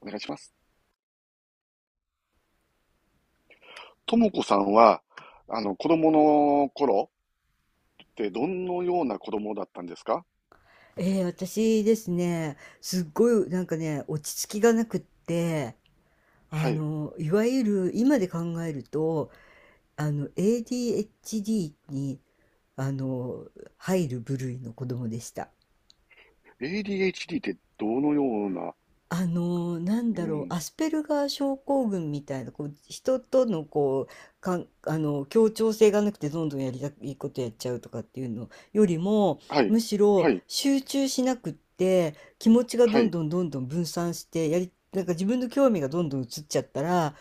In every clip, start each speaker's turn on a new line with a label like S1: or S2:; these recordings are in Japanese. S1: お願いします。ともこさんは、子供の頃ってどのような子供だったんですか？
S2: ええ、私ですね、すっごい落ち着きがなくって、
S1: はい。
S2: いわゆる今で考えると、ADHD に、あの、入る部類の子供でした。
S1: ADHD ってどのような、
S2: なん
S1: う
S2: だろう、
S1: ん。
S2: アスペルガー症候群みたいな、こう人とのこうかん、あの協調性がなくて、どんどんやりたいいことやっちゃうとかっていうのよりも、
S1: はい。
S2: むし
S1: は
S2: ろ
S1: い。
S2: 集中しなくって、気持ちが
S1: は
S2: どん
S1: い。
S2: どんどんどん分散してやり、なんか自分の興味がどんどん移っちゃったら、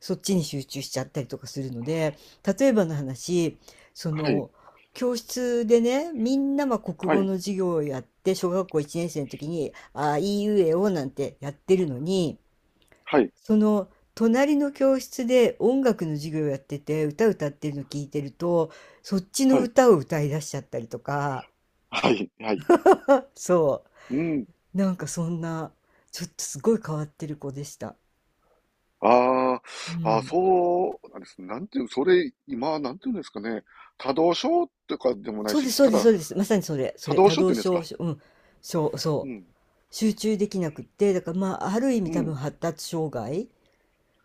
S2: そっちに集中しちゃったりとかするので。例えばの話、そ
S1: はい。
S2: の教室でね、みんなまあ国
S1: は
S2: 語
S1: い。
S2: の授業をやって、小学校1年生の時に、ああ、いいうえおなんてやってるのに、
S1: はい。
S2: その隣の教室で音楽の授業をやってて、歌歌ってるの聞いてると、そっち
S1: は
S2: の
S1: い。
S2: 歌を歌い出しちゃったりとか、
S1: はい。はい。
S2: そ
S1: うん。
S2: う、なんかそんな、ちょっとすごい変わってる子でした。
S1: あ
S2: う
S1: あ、あー
S2: ん。
S1: そうなんです。なんていう、それ、今、なんていうんですかね。多動症とかでもない
S2: そうで
S1: し、
S2: す、そう
S1: た
S2: です、そ
S1: だ、
S2: うです。まさにそれ、そ
S1: 多
S2: れ、
S1: 動
S2: 多
S1: 症って
S2: 動
S1: 言うんです
S2: 症、
S1: か？
S2: うん、そう、
S1: う
S2: そ
S1: ん。
S2: う。集中できなくって、だからまあ、ある意味
S1: う
S2: 多
S1: ん。
S2: 分発達障害。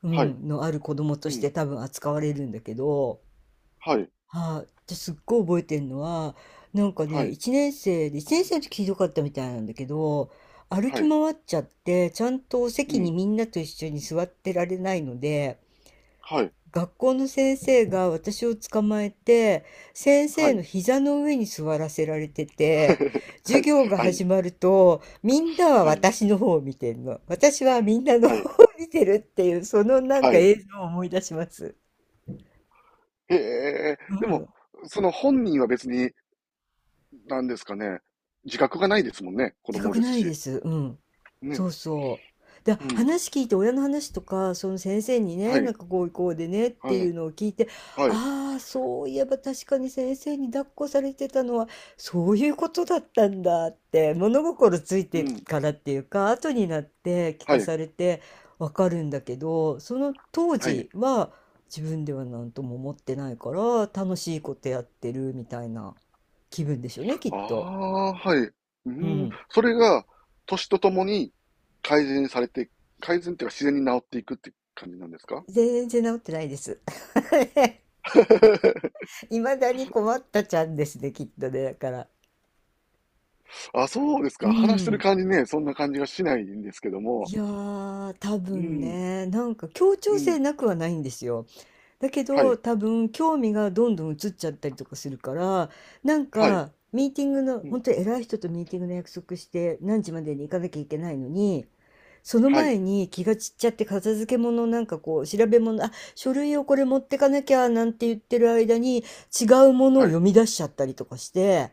S2: う
S1: はい。
S2: ん、のある子供と
S1: う
S2: して
S1: ん。
S2: 多分扱われるんだけど、
S1: はい。
S2: はい、ですっごい覚えてるのは、なんか
S1: は
S2: ね、
S1: い。
S2: 1年生で、1年生の時ひどかったみたいなんだけど、歩
S1: は
S2: き
S1: い。
S2: 回っちゃって、ちゃんと
S1: う
S2: 席に
S1: ん。
S2: みんなと一緒に座ってられないので、
S1: はい。
S2: 学校の先生が私を捕まえて、先
S1: は
S2: 生の
S1: い。
S2: 膝の上に座らせられてて、
S1: は
S2: 授
S1: い、
S2: 業が
S1: はい、
S2: 始まると、みんなは
S1: はい、
S2: 私の方を見てるの。私はみんなの
S1: は
S2: 方
S1: い、
S2: を見てるっていう、そのなん
S1: は
S2: か
S1: い。
S2: 映像を思い出します。
S1: へえ、
S2: う
S1: でも、
S2: ん。
S1: その本人は別に、なんですかね、自覚がないですもんね、子
S2: 自
S1: 供
S2: 覚
S1: です
S2: ないで
S1: し。
S2: す。うん。
S1: ね、
S2: そうそう。で、
S1: うん。
S2: 話聞いて親の話とか、その先生に
S1: は
S2: ね、なん
S1: い、
S2: かこうこうでねっ
S1: は
S2: てい
S1: い、
S2: うのを聞いて、
S1: はい、
S2: ああ、そういえば確かに先生に抱っこされてたのはそういうことだったんだって、物心つい
S1: う
S2: て
S1: ん、
S2: からっていうか、後になって聞
S1: は
S2: か
S1: い、
S2: されてわかるんだけど、その当
S1: はい。
S2: 時は自分では何とも思ってないから、楽しいことやってるみたいな気分でしょうね、き
S1: あ
S2: っと。
S1: あ、はい。う
S2: う
S1: ん、
S2: ん。
S1: それが、年とともに改善されて、改善っていうか自然に治っていくって感じなんですか？
S2: 全然治ってないです。未だに困ったちゃんですね、きっとね、だから。
S1: あ、そうです
S2: う
S1: か。話してる
S2: ん。
S1: 感じね、そんな感じがしないんですけども。
S2: いやー、多
S1: う
S2: 分
S1: ん、
S2: ね、なんか協
S1: う
S2: 調
S1: ん、
S2: 性なくはないんですよ。だけ
S1: は
S2: ど、
S1: い、
S2: 多分興味がどんどん移っちゃったりとかするから、なん
S1: はい、
S2: かミーティングの、
S1: う
S2: 本
S1: ん。
S2: 当に偉い人とミーティングの約束して何時までに行かなきゃいけないのに、その
S1: は
S2: 前
S1: い、
S2: に気が散っちゃって、片付け物、なんかこう調べ物、あ、書類をこれ持ってかなきゃなんて言ってる間に、違うものを
S1: はい、
S2: 読み出しちゃったりとかして、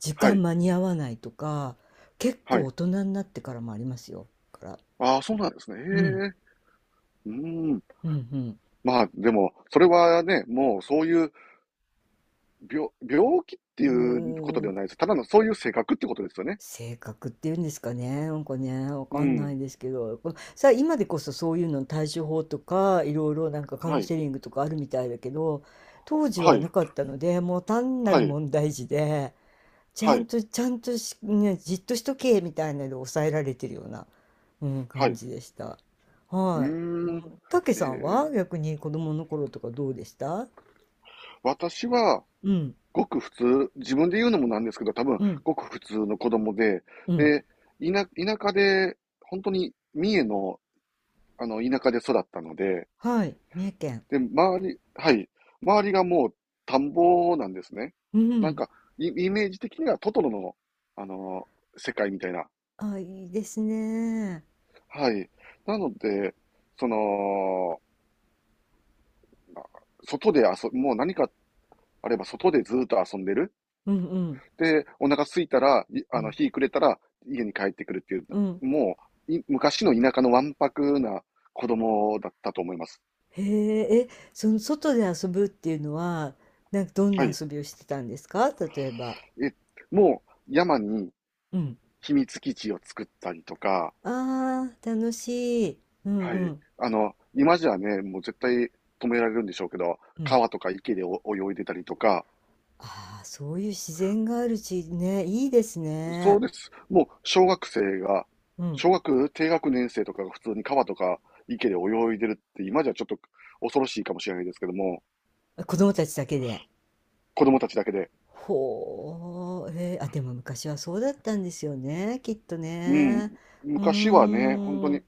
S2: 時
S1: は
S2: 間
S1: い、
S2: 間に合わないとか、結
S1: は
S2: 構
S1: い。
S2: 大人になってからもありますよ。だから。
S1: ああ、そうなんですね。へえ。
S2: うん、
S1: うーん。
S2: うん、
S1: まあ、でも、それはね、もうそういう病気って
S2: う
S1: いうこと
S2: ん。
S1: ではないです。ただのそういう性格ってことですよね。
S2: 性格っていうんですかね、なんかね、わ
S1: う
S2: かんな
S1: ん。
S2: いですけど、さあ、今でこそそういうのの対処法とか、いろいろなんかカウ
S1: は
S2: ン
S1: い、
S2: セリングとかあるみたいだけど、当時
S1: は
S2: はな
S1: い、
S2: かったので、もう単な
S1: は
S2: る
S1: い、
S2: 問題児で、ちゃ
S1: は
S2: ん
S1: い、
S2: と、ちゃんとし、ね、じっとしとけ、みたいなので抑えられてるような、うん、
S1: は
S2: 感
S1: い。
S2: じでした。
S1: う
S2: はい。う
S1: ーん。
S2: ん、たけ
S1: え
S2: さん
S1: え。
S2: は逆に子供の頃とかどうでした？
S1: 私は、
S2: うん、
S1: ごく普通、自分で言うのもなんですけど、多分、
S2: うん、
S1: ごく普通の子供で、
S2: うん。
S1: で、田、田舎で、本当に三重の、田舎で育ったので、
S2: はい、三重県。
S1: で、周り、はい。周りがもう田んぼなんですね。
S2: う
S1: なん
S2: ん。
S1: か、イイメージ的にはトトロの、世界みたいな。
S2: あ、いいですね。
S1: はい。なので、その、外で遊もう何かあれば外でずっと遊んでる。
S2: うんうん。
S1: で、お腹空いたら、い
S2: う
S1: あの、
S2: ん。
S1: 日暮れたら家に帰ってくるっていう、
S2: うん。
S1: もう、昔の田舎のわんぱくな子供だったと思います。
S2: へえ、え、その外で遊ぶっていうのは、なんかどん
S1: は
S2: な
S1: い。
S2: 遊びをしてたんですか、例えば。
S1: え、もう山に
S2: うん。
S1: 秘密基地を作ったりとか、
S2: ああ、楽しい。うん
S1: は
S2: う
S1: い。
S2: ん
S1: 今じゃね、もう絶対止められるんでしょうけど、
S2: うん。
S1: 川とか池でお泳いでたりとか、
S2: ああ、そういう自然がある地域ね、いいです
S1: そ
S2: ね。
S1: うです。もう小学生が、
S2: うん。
S1: 小学低学年生とかが普通に川とか池で泳いでるって今じゃちょっと恐ろしいかもしれないですけども、
S2: 子供たちだけで。
S1: 子供たちだけで。
S2: ほう、えー、あ、でも昔はそうだったんですよね、きっと
S1: うん。
S2: ね。う
S1: 昔はね、本当
S2: ー
S1: に。
S2: ん。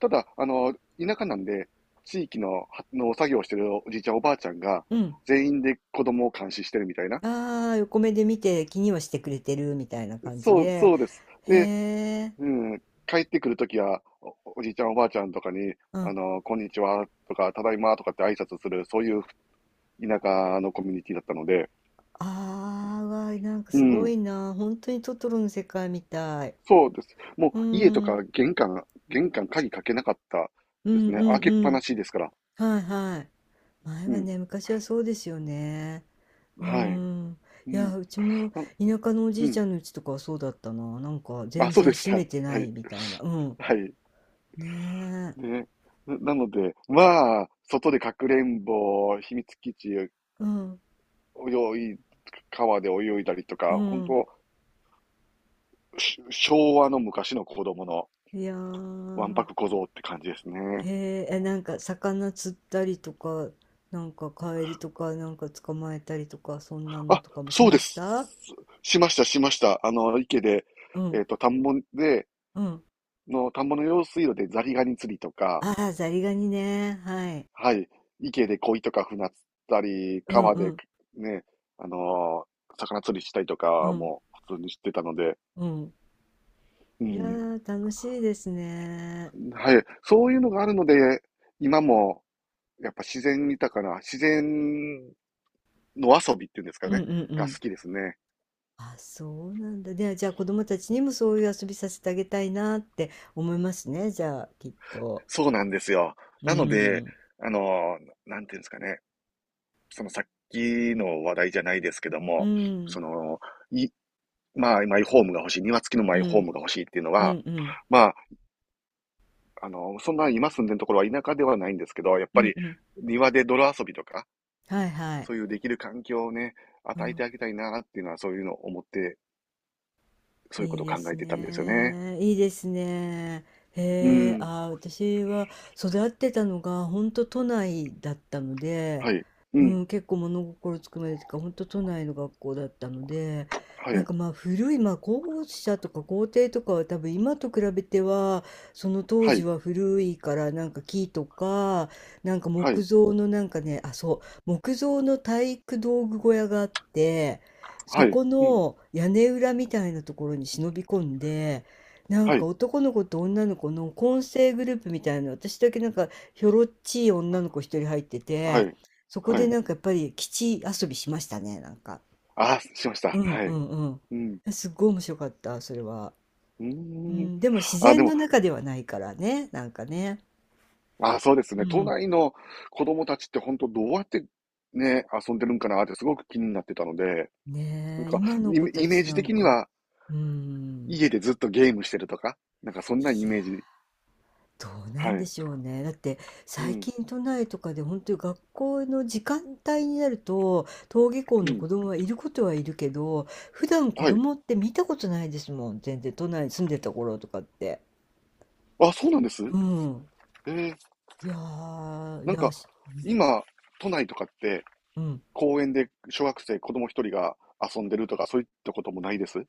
S1: ただ、田舎なんで、地域の、はの作業してるおじいちゃんおばあちゃんが、
S2: うん。
S1: 全員で子供を監視してるみたいな。
S2: ああ、横目で見て気にはしてくれてるみたいな感じ
S1: そう、
S2: で、
S1: そうです。
S2: へ
S1: で、
S2: え、
S1: うん、帰ってくるときはおじいちゃんおばあちゃんとかに、
S2: うん。あ
S1: こんにちはとか、ただいまとかって挨拶する、そういう田舎のコミュニティだったので、
S2: あ、うわ、なんか
S1: う
S2: すご
S1: ん、
S2: いな。本当にトトロの世界みたい。
S1: そうです。も
S2: うん、
S1: う家と
S2: う
S1: か
S2: ん
S1: 玄関、鍵かけなかった
S2: う
S1: で
S2: ん
S1: すね。開けっ
S2: う
S1: ぱな
S2: ん。
S1: しですから。
S2: はいはい。前
S1: う
S2: は
S1: ん、
S2: ね、昔はそうですよね。う
S1: はい。
S2: ん。
S1: う
S2: い
S1: ん、
S2: や、うちも
S1: あ
S2: 田舎のおじ
S1: う
S2: いち
S1: ん、
S2: ゃんの家とかはそうだったな。なんか
S1: あ、
S2: 全
S1: そう
S2: 然
S1: でし
S2: 閉
S1: た。
S2: めて
S1: は
S2: ない
S1: い。
S2: みたいな。うん。
S1: はい。
S2: ねえ。
S1: ね。なので、まあ、外でかくれんぼ、秘密基地、
S2: うん、
S1: い、川で泳いだりと
S2: う
S1: か、本
S2: ん。
S1: 当昭和の昔の子供の
S2: いやー、
S1: わんぱく小僧って感じですね。
S2: へえ、え、なんか魚釣ったりとか、なんかカエルとか、なんか捕まえたりとか、そんなの
S1: あ、
S2: とかもし
S1: そう
S2: ま
S1: で
S2: し
S1: す。
S2: た？
S1: しました、しました。池で、
S2: う
S1: え
S2: ん、
S1: っ、と、田んぼで、
S2: うん。
S1: 田んぼの用水路でザリガニ釣りとか、
S2: ああ、ザリガニね。はい。
S1: はい、池で鯉とか船釣ったり、
S2: うん
S1: 川
S2: う
S1: で
S2: ん、
S1: ね、あのー魚釣りしたりと
S2: う
S1: か
S2: ん、
S1: も普通にしてたので、
S2: うん。
S1: う
S2: いや
S1: ん、
S2: ー、楽しいですね。
S1: はい、そういうのがあるので、今もやっぱ自然豊かな、自然の遊びっていうんですか
S2: うんう
S1: ね、
S2: んう
S1: が好
S2: ん。
S1: きですね。
S2: あ、そうなんだ。で、じゃあ子供たちにもそういう遊びさせてあげたいなって思いますね。じゃあ、きっと。
S1: そうなんですよ。
S2: う
S1: なので、
S2: ん。
S1: あの、なんていうんですかね、そのさっきの話題じゃないですけど
S2: う
S1: も、
S2: ん。
S1: その、い、まあ、マイホームが欲しい、庭付きのマ
S2: う
S1: イホー
S2: ん。
S1: ムが欲しいっていうの
S2: う
S1: は、
S2: んうん。
S1: まあ、そんな今住んでるところは田舎ではないんですけど、やっ
S2: う
S1: ぱ
S2: ん
S1: り
S2: うん。
S1: 庭で泥遊びとか、
S2: はいはい。
S1: そういうできる環境をね、
S2: う
S1: 与えて
S2: ん。
S1: あげたいなっていうのは、そういうのを思って、そういうこ
S2: い
S1: と
S2: い
S1: を
S2: で
S1: 考
S2: す
S1: えてたんですよね。
S2: ね。いいですね。
S1: う
S2: へえ、
S1: ん。
S2: あー、私は育ってたのが本当都内だったので、
S1: はい。う
S2: う
S1: ん。
S2: ん、結構物心つくまでというか、本当都内の学校だったので、
S1: は
S2: なん
S1: い。
S2: かまあ古い、まあ校舎とか校庭とかは多分今と比べては、その当
S1: は
S2: 時
S1: い。
S2: は古いからなんか木とか、なんか
S1: は
S2: 木
S1: い。
S2: 造のなんかね、あ、そう、木造の体育道具小屋があって、
S1: は
S2: そ
S1: い。
S2: こ
S1: うん。
S2: の屋根裏みたいなところに忍び込んで、なん
S1: は
S2: か
S1: い。
S2: 男の子と女の子の混成グループみたいな、私だけなんかひょろっちい女の子一人入って
S1: は
S2: て、
S1: い。
S2: そこ
S1: は
S2: で
S1: い。
S2: なんかやっぱり基地遊びしましたね、なんか。
S1: ああ、しまし
S2: う
S1: た。
S2: ん
S1: は
S2: う
S1: い。
S2: ん
S1: うん。
S2: うん。すっごい面白かった、それは。
S1: う
S2: う
S1: ーん。
S2: ん、でも自
S1: あ、で
S2: 然
S1: も、
S2: の中ではないからね、なんかね。
S1: あ、そうです
S2: う
S1: ね。都
S2: ん。
S1: 内の子供たちって本当どうやってね、遊んでるんかなってすごく気になってたので、なん
S2: ねえ、
S1: か、
S2: 今の
S1: イ
S2: 子
S1: メ
S2: た
S1: イメー
S2: ち
S1: ジ
S2: なん
S1: 的に
S2: か、
S1: は
S2: うん。
S1: 家でずっとゲームしてるとか、なんかそんなイメージ。
S2: どうな
S1: は
S2: んで
S1: い。
S2: しょうね。だって、
S1: う
S2: 最
S1: ん。
S2: 近都内とかで本当に学校の時間帯になると、登下校
S1: う
S2: の
S1: ん。
S2: 子供はいることはいるけど、普段子
S1: はい。
S2: 供って見たことないですもん、全然、都内に住んでた頃とかって。
S1: あ、そうなんです。
S2: うん。
S1: ええ。
S2: いやー、い
S1: なん
S2: やー
S1: か、
S2: し、うん。
S1: 今、都内とかって
S2: うん、
S1: 公園で小学生、子供一人が遊んでるとか、そういったこともないです？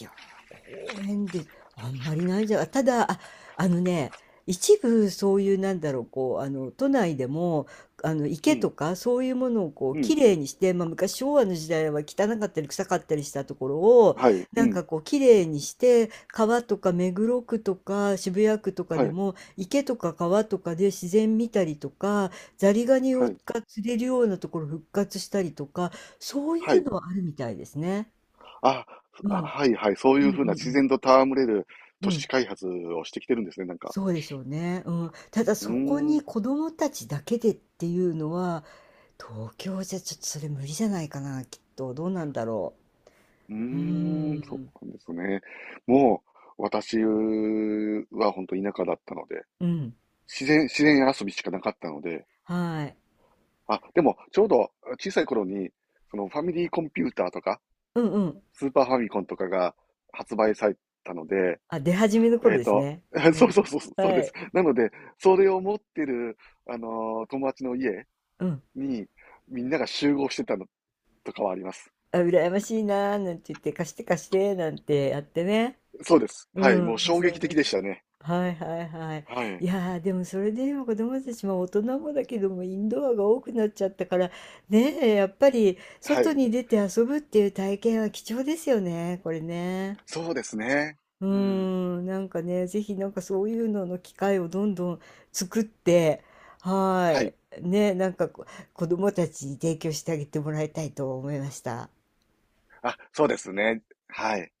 S2: いやー、公園で、あんまりないんじゃ、ただ、あ、あのね、一部そういうなんだろう、こう、あの、都内でも、あの、
S1: う
S2: 池と
S1: ん。
S2: かそういうものをこう、
S1: う
S2: き
S1: ん。
S2: れいにして、まあ、昔昭和の時代は汚かったり臭かったりしたところを、
S1: はい。う
S2: なんか
S1: ん。
S2: こう、きれいにして、川とか目黒区とか渋谷区とか
S1: は
S2: で
S1: い。
S2: も、池とか川とかで自然見たりとか、ザリガニ
S1: は
S2: を
S1: い。
S2: が釣れるようなところ復活したりとか、そうい
S1: は
S2: う
S1: い。
S2: のはあるみたいですね。
S1: あ、
S2: うん。う
S1: あ
S2: ん
S1: はいはい、そう
S2: う
S1: い
S2: んう
S1: うふうな自
S2: ん。
S1: 然と戯れる
S2: う
S1: 都
S2: ん、
S1: 市開発をしてきてるんですね、なんか。
S2: そうでしょうね。うん。ただ、
S1: う
S2: そこ
S1: ー
S2: に
S1: ん、
S2: 子供たちだけでっていうのは、東京じゃちょっとそれ無理じゃないかな、きっと。どうなんだろ
S1: うー
S2: う。うー
S1: ん、そ
S2: ん。
S1: うなんですね。もう、私は本当田舎だったので、
S2: うん。
S1: 自然遊びしかなかったので、
S2: はい。
S1: あ、でも、ちょうど小さい頃に、そのファミリーコンピューターとか、
S2: うんうん。
S1: スーパーファミコンとかが発売されたので、
S2: あ、出始めの
S1: え
S2: 頃
S1: っ
S2: です
S1: と、
S2: ね。う
S1: そう
S2: ん。
S1: そうそう、そう
S2: は
S1: です。
S2: い。
S1: なので、それを持ってる、友達の家
S2: うん。
S1: に、みんなが集合してたのとかはあります。
S2: あ、羨ましいな、なんて言って、貸して貸して、なんてやってね。
S1: そうです。
S2: う
S1: はい。もう
S2: ん。
S1: 衝
S2: 遊
S1: 撃
S2: んで
S1: 的でしたね。
S2: た。はいはいはい。
S1: は
S2: い
S1: い。
S2: やー、でもそれで今子供たちも大人もだけども、インドアが多くなっちゃったからねえ、やっぱり
S1: は
S2: 外
S1: い。
S2: に出て遊ぶっていう体験は貴重ですよね、これね。
S1: そうですね。
S2: うー
S1: うん。
S2: ん、なんかね、ぜひなんかそういうのの機会をどんどん作って、は
S1: は
S2: い、
S1: い。
S2: ね、なんかこ子供たちに提供してあげてもらいたいと思いました。
S1: あ、そうですね。はい。